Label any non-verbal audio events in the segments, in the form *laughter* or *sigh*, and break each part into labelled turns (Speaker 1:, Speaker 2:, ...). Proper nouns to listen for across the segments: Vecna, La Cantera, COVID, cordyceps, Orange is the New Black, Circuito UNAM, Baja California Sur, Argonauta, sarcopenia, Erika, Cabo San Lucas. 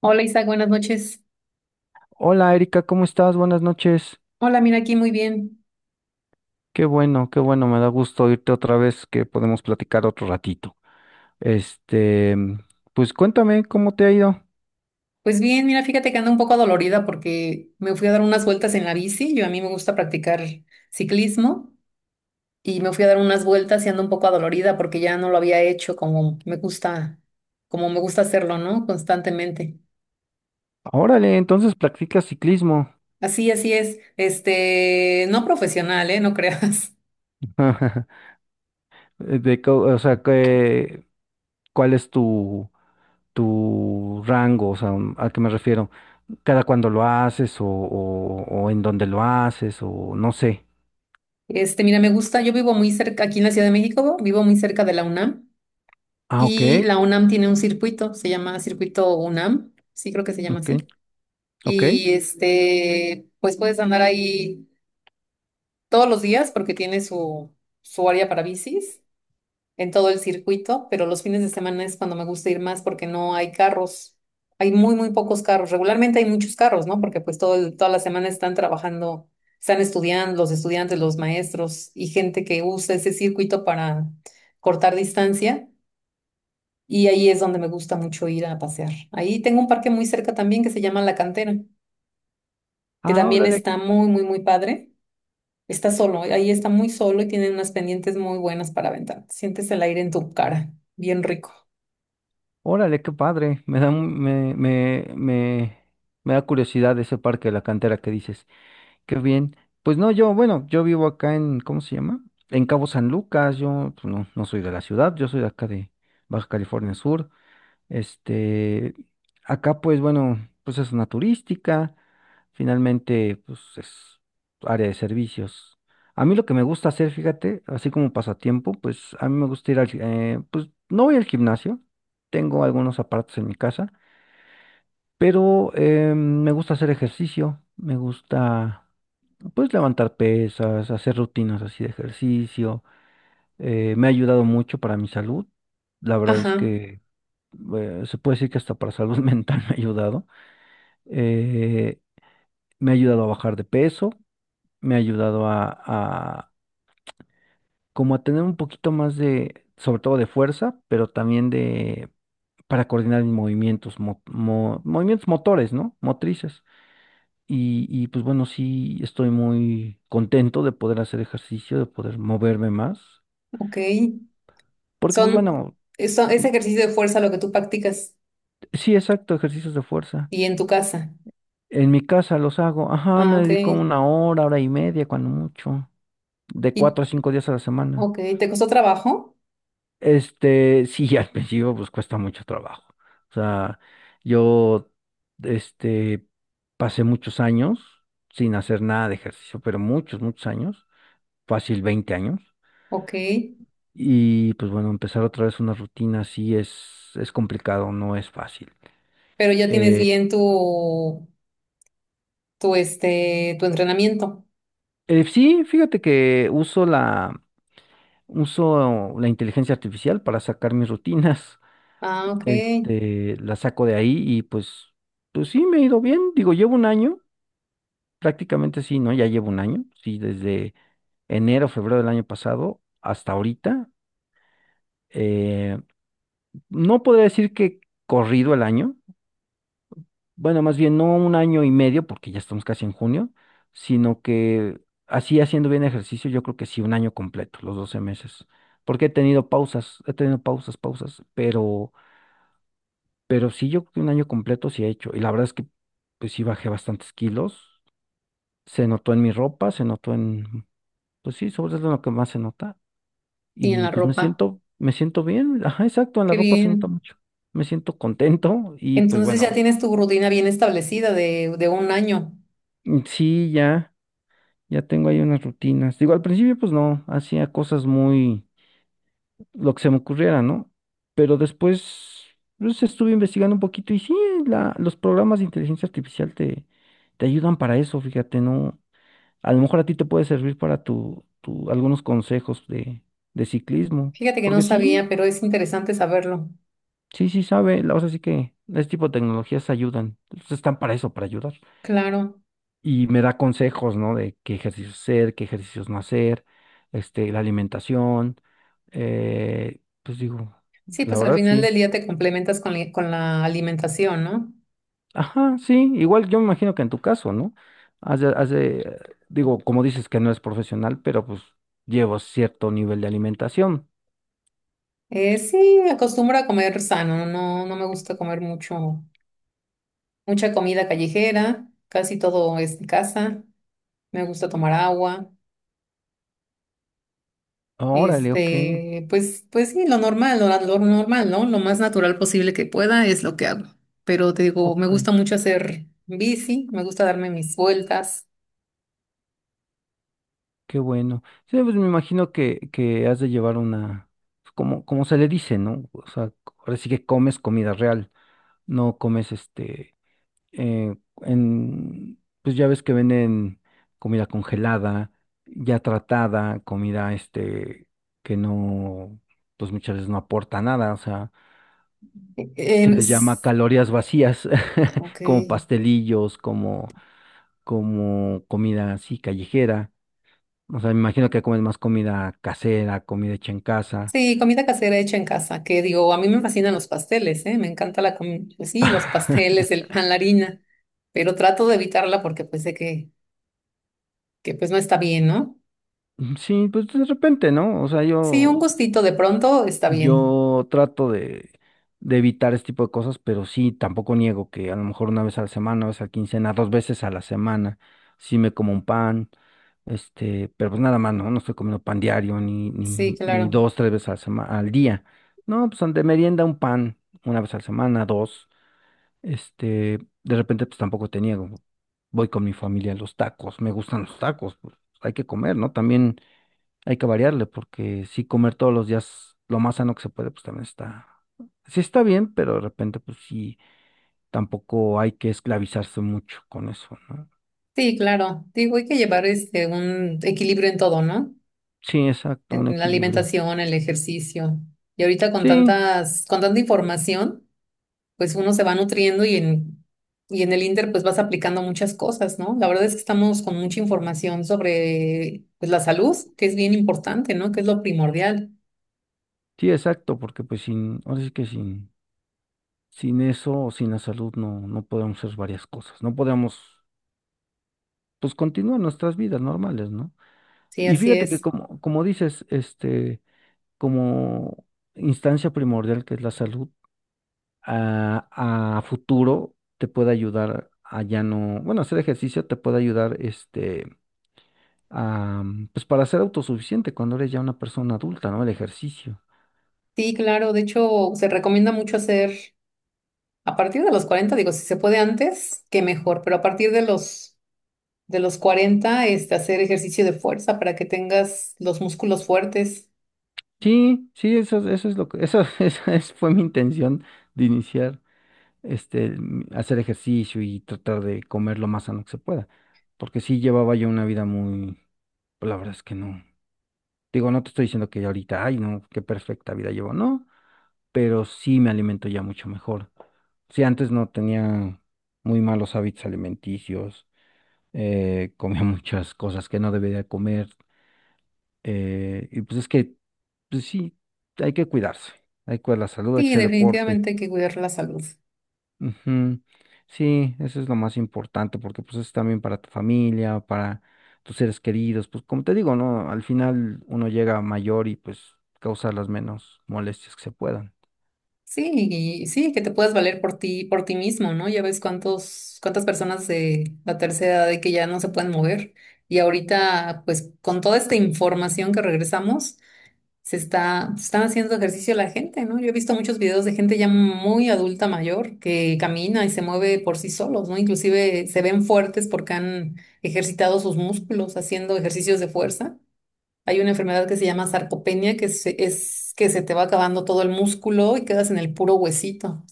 Speaker 1: Hola Isaac, buenas noches.
Speaker 2: Hola Erika, ¿cómo estás? Buenas noches.
Speaker 1: Hola, mira aquí muy bien.
Speaker 2: Qué bueno, me da gusto oírte otra vez que podemos platicar otro ratito. Este, pues cuéntame cómo te ha ido.
Speaker 1: Pues bien, mira, fíjate que ando un poco dolorida porque me fui a dar unas vueltas en la bici. Yo a mí me gusta practicar ciclismo y me fui a dar unas vueltas y ando un poco adolorida porque ya no lo había hecho como me gusta hacerlo, ¿no? Constantemente.
Speaker 2: Órale, entonces practicas ciclismo.
Speaker 1: Así, así es. No profesional, ¿eh? No creas. *laughs*
Speaker 2: *laughs* De, co- o sea, que, ¿cuál es tu rango? O sea, ¿a qué me refiero? ¿Cada cuándo lo haces o o en dónde lo haces o no sé?
Speaker 1: Mira, me gusta, yo vivo muy cerca, aquí en la Ciudad de México, vivo muy cerca de la UNAM
Speaker 2: Ah, ok,
Speaker 1: y la UNAM tiene un circuito, se llama Circuito UNAM, sí creo que se llama
Speaker 2: ok,
Speaker 1: así.
Speaker 2: ok.
Speaker 1: Y este, pues puedes andar ahí todos los días porque tiene su área para bicis en todo el circuito, pero los fines de semana es cuando me gusta ir más porque no hay carros. Hay muy, muy pocos carros. Regularmente hay muchos carros, ¿no? Porque pues toda la semana están trabajando, están estudiando, los estudiantes, los maestros y gente que usa ese circuito para cortar distancia. Y ahí es donde me gusta mucho ir a pasear. Ahí tengo un parque muy cerca también que se llama La Cantera, que
Speaker 2: Ah,
Speaker 1: también
Speaker 2: órale,
Speaker 1: está muy, muy, muy padre. Está solo, ahí está muy solo y tiene unas pendientes muy buenas para aventar. Sientes el aire en tu cara, bien rico.
Speaker 2: órale, qué padre. Me da, un- me da curiosidad ese parque de la cantera que dices. Qué bien. Pues no, yo, bueno, yo vivo acá en, ¿cómo se llama? En Cabo San Lucas. Yo pues, no soy de la ciudad, yo soy de acá de Baja California Sur. Este, Acá pues bueno, pues es una turística, finalmente pues es área de servicios. A mí lo que me gusta hacer, fíjate, así como pasatiempo, pues a mí me gusta ir pues no voy al gimnasio, tengo algunos aparatos en mi casa, pero me gusta hacer ejercicio, me gusta pues levantar pesas, hacer rutinas así de ejercicio, me ha ayudado mucho para mi salud. La verdad es
Speaker 1: Ajá,
Speaker 2: que se puede decir que hasta para salud *laughs* mental me ha ayudado. Eh, Me ha ayudado a bajar de peso, me ha ayudado a como a tener un poquito más de, sobre todo de fuerza, pero también de, para coordinar mis movimientos, movimientos motores, ¿no? Motrices. Y pues bueno, sí estoy muy contento de poder hacer ejercicio, de poder moverme más.
Speaker 1: ok.
Speaker 2: Porque pues
Speaker 1: Son,
Speaker 2: bueno,
Speaker 1: es ejercicio de fuerza lo que tú practicas
Speaker 2: sí, exacto, ejercicios de fuerza.
Speaker 1: y en tu casa.
Speaker 2: En mi casa los hago, ajá,
Speaker 1: Ah,
Speaker 2: me
Speaker 1: ok.
Speaker 2: dedico una hora, hora y media, cuando mucho, de cuatro
Speaker 1: Y,
Speaker 2: a cinco días a la semana.
Speaker 1: ok, ¿te costó trabajo?
Speaker 2: Este, sí, *laughs* al principio pues cuesta mucho trabajo. O sea, yo, este, pasé muchos años sin hacer nada de ejercicio, pero muchos, muchos años, fácil 20 años.
Speaker 1: Ok,
Speaker 2: Y pues bueno, empezar otra vez una rutina así es complicado, no es fácil.
Speaker 1: pero ya tienes
Speaker 2: Eh,
Speaker 1: bien este, tu entrenamiento.
Speaker 2: sí, fíjate que uso uso la inteligencia artificial para sacar mis rutinas.
Speaker 1: Ah, ok.
Speaker 2: Este, la saco de ahí y pues, pues sí, me ha ido bien. Digo, llevo un año, prácticamente sí, ¿no? Ya llevo un año, sí, desde enero, febrero del año pasado hasta ahorita. eh, no podría decir que corrido el año, bueno, más bien no un año y medio, porque ya estamos casi en junio, sino que así haciendo bien ejercicio, yo creo que sí, un año completo, los 12 meses. Porque he tenido pausas, he tenido pausas, pero sí, yo creo que un año completo sí he hecho. Y la verdad es que, pues sí bajé bastantes kilos. Se notó en mi ropa, se notó en, pues sí, sobre todo en lo que más se nota.
Speaker 1: Y en
Speaker 2: Y
Speaker 1: la
Speaker 2: pues
Speaker 1: ropa.
Speaker 2: me siento bien. Ajá, exacto, en la
Speaker 1: Qué
Speaker 2: ropa se nota
Speaker 1: bien.
Speaker 2: mucho. Me siento contento y pues
Speaker 1: Entonces ya
Speaker 2: bueno,
Speaker 1: tienes tu rutina bien establecida de un año.
Speaker 2: mm, sí, ya, ya tengo ahí unas rutinas. Digo, al principio pues no, hacía cosas muy, lo que se me ocurriera, ¿no? Pero después, pues estuve investigando un poquito y sí, los programas de inteligencia artificial te ayudan para eso, fíjate, no, a lo mejor a ti te puede servir para algunos consejos de ciclismo,
Speaker 1: Fíjate que no
Speaker 2: porque
Speaker 1: sabía, pero es interesante saberlo.
Speaker 2: sí sabe, o sea, sí que este tipo de tecnologías ayudan, pues, están para eso, para ayudar.
Speaker 1: Claro.
Speaker 2: Y me da consejos, ¿no? De qué ejercicios hacer, qué ejercicios no hacer, este, la alimentación, pues digo,
Speaker 1: Sí,
Speaker 2: la
Speaker 1: pues al
Speaker 2: verdad
Speaker 1: final del
Speaker 2: sí.
Speaker 1: día te complementas con, con la alimentación, ¿no?
Speaker 2: Ajá, sí, igual yo me imagino que en tu caso, ¿no? Has de, digo, como dices que no es profesional, pero pues llevo cierto nivel de alimentación.
Speaker 1: Sí, me acostumbro a comer sano, no, no me gusta comer mucho, mucha comida callejera, casi todo es de casa, me gusta tomar agua,
Speaker 2: Ah, órale, ok,
Speaker 1: este, pues, pues sí, lo normal, ¿no? Lo más natural posible que pueda es lo que hago. Pero te digo, me
Speaker 2: ok,
Speaker 1: gusta mucho hacer bici, me gusta darme mis vueltas.
Speaker 2: qué bueno. Sí, pues me imagino que has de llevar una, pues, como, como se le dice, ¿no? O sea, ahora sí que comes comida real, no comes este, eh, pues ya ves que venden comida congelada, ya tratada, comida este, que no, pues muchas veces no aporta nada, o sea, se
Speaker 1: Em,
Speaker 2: les llama
Speaker 1: s-
Speaker 2: calorías vacías,
Speaker 1: ok.
Speaker 2: *laughs* como pastelillos, como, como comida así callejera. O sea, me imagino que comes más comida casera, comida hecha en casa.
Speaker 1: Sí, comida casera hecha en casa, que digo, a mí me fascinan los pasteles, ¿eh? Me encanta la comida, sí, los pasteles,
Speaker 2: *laughs*
Speaker 1: el pan, la harina, pero trato de evitarla porque pues sé que pues no está bien, ¿no?
Speaker 2: Sí, pues de repente, ¿no? O sea,
Speaker 1: Sí, un
Speaker 2: yo,
Speaker 1: gustito de pronto está bien.
Speaker 2: yo trato de evitar este tipo de cosas, pero sí, tampoco niego que a lo mejor una vez a la semana, una vez a la quincena, dos veces a la semana, sí me como un pan, este, pero pues nada más, ¿no? No estoy comiendo pan diario,
Speaker 1: Sí,
Speaker 2: ni
Speaker 1: claro.
Speaker 2: dos, tres veces a al día. No, pues de merienda un pan, una vez a la semana, dos. Este, de repente, pues tampoco tenía, como, voy con mi familia a los tacos, me gustan los tacos, pues hay que comer, ¿no? También hay que variarle, porque si comer todos los días lo más sano que se puede, pues también está, sí está bien, pero de repente, pues sí, tampoco hay que esclavizarse mucho con eso, ¿no?
Speaker 1: Sí, claro. Digo, hay que llevar este un equilibrio en todo, ¿no?
Speaker 2: Sí, exacto, un
Speaker 1: En la
Speaker 2: equilibrio.
Speaker 1: alimentación, el ejercicio. Y ahorita con
Speaker 2: Sí,
Speaker 1: tantas, con tanta información. Pues uno se va nutriendo y en el Inter pues vas aplicando muchas cosas, ¿no? La verdad es que estamos con mucha información sobre pues la salud, que es bien importante, ¿no? Que es lo primordial.
Speaker 2: sí, exacto, porque pues sin, ahora sí que sin, sin eso, sin la salud, no podemos hacer varias cosas, no podemos, pues continuar nuestras vidas normales, ¿no?
Speaker 1: Sí,
Speaker 2: Y
Speaker 1: así
Speaker 2: fíjate que
Speaker 1: es.
Speaker 2: como, como dices, este, como instancia primordial que es la salud, a futuro te puede ayudar a ya no, bueno, hacer ejercicio te puede ayudar, este, a, mm, pues para ser autosuficiente cuando eres ya una persona adulta, ¿no? El ejercicio.
Speaker 1: Sí, claro, de hecho se recomienda mucho hacer a partir de los 40. Digo, si se puede antes, que mejor, pero a partir de los 40 este hacer ejercicio de fuerza para que tengas los músculos fuertes.
Speaker 2: Sí, eso, eso es lo que, eso, *laughs* fue mi intención de iniciar, este, mm, hacer ejercicio y tratar de comer lo más sano que se pueda, porque sí llevaba yo una vida muy, pues la verdad es que no. Digo, no te estoy diciendo que ahorita, ay, no, qué perfecta vida llevo, no, pero sí me alimento ya mucho mejor. Si antes no tenía muy malos hábitos alimenticios, *laughs* comía muchas cosas que no debería comer, y pues es que, pues sí, hay que cuidarse, hay que cuidar la salud, hay que
Speaker 1: Sí,
Speaker 2: hacer deporte.
Speaker 1: definitivamente hay que cuidar la salud.
Speaker 2: Ujú. Sí, eso es lo más importante, porque pues es también para tu familia, para tus seres queridos, pues como te digo, ¿no? Al final uno llega mayor y pues causa las menos molestias que se puedan.
Speaker 1: Sí, y sí, que te puedas valer por ti mismo, ¿no? Ya ves cuántos, cuántas personas de la tercera edad de que ya no se pueden mover. Y ahorita, pues, con toda esta información que regresamos, se están haciendo ejercicio la gente, ¿no? Yo he visto muchos videos de gente ya muy adulta mayor que camina y se mueve por sí solos, ¿no? Inclusive se ven fuertes porque han ejercitado sus músculos haciendo ejercicios de fuerza. Hay una enfermedad que se llama sarcopenia, es que se te va acabando todo el músculo y quedas en el puro huesito.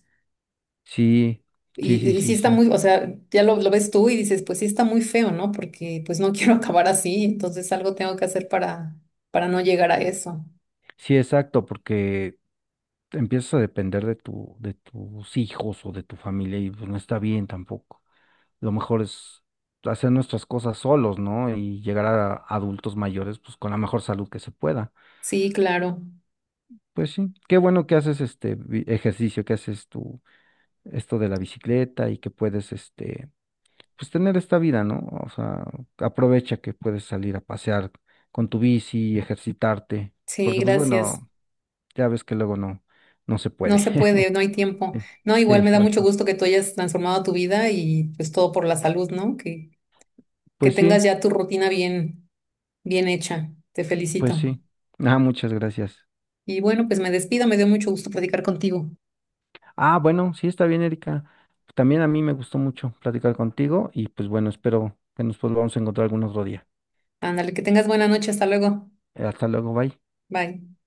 Speaker 2: Sí,
Speaker 1: Y, y sí está
Speaker 2: sí.
Speaker 1: muy, o sea, ya lo ves tú y dices, pues sí está muy feo, ¿no? Porque pues no *laughs* quiero acabar así, entonces algo tengo que hacer para no llegar a eso.
Speaker 2: Sí, exacto, porque empiezas a depender de tu, de tus hijos o de tu familia y pues no está bien tampoco. Lo mejor es hacer nuestras cosas solos, ¿no? Y llegar a adultos mayores pues con la mejor salud que se pueda.
Speaker 1: Sí, claro.
Speaker 2: Pues sí, qué bueno que haces este ejercicio, que haces tu esto de la bicicleta y que puedes este pues tener esta vida, ¿no? O sea, aprovecha que puedes salir a pasear con tu bici, ejercitarte,
Speaker 1: Sí,
Speaker 2: porque pues
Speaker 1: gracias.
Speaker 2: bueno, ya ves que luego no se
Speaker 1: No
Speaker 2: puede.
Speaker 1: se puede,
Speaker 2: *laughs*
Speaker 1: no hay tiempo.
Speaker 2: Sí,
Speaker 1: No, igual me
Speaker 2: sí,
Speaker 1: da mucho
Speaker 2: exacto.
Speaker 1: gusto que tú hayas transformado tu vida y pues todo por la salud, ¿no? Que
Speaker 2: Pues
Speaker 1: tengas
Speaker 2: sí,
Speaker 1: ya tu rutina bien hecha. Te
Speaker 2: pues
Speaker 1: felicito.
Speaker 2: sí. Ah, muchas gracias.
Speaker 1: Y bueno, pues me despido, me dio mucho gusto platicar contigo.
Speaker 2: Ah, bueno, sí está bien, Erika. También a mí me gustó mucho platicar contigo y pues bueno, espero que nos volvamos a encontrar algún otro día.
Speaker 1: Ándale, que tengas buena noche, hasta luego.
Speaker 2: Hasta luego, bye.
Speaker 1: Bye.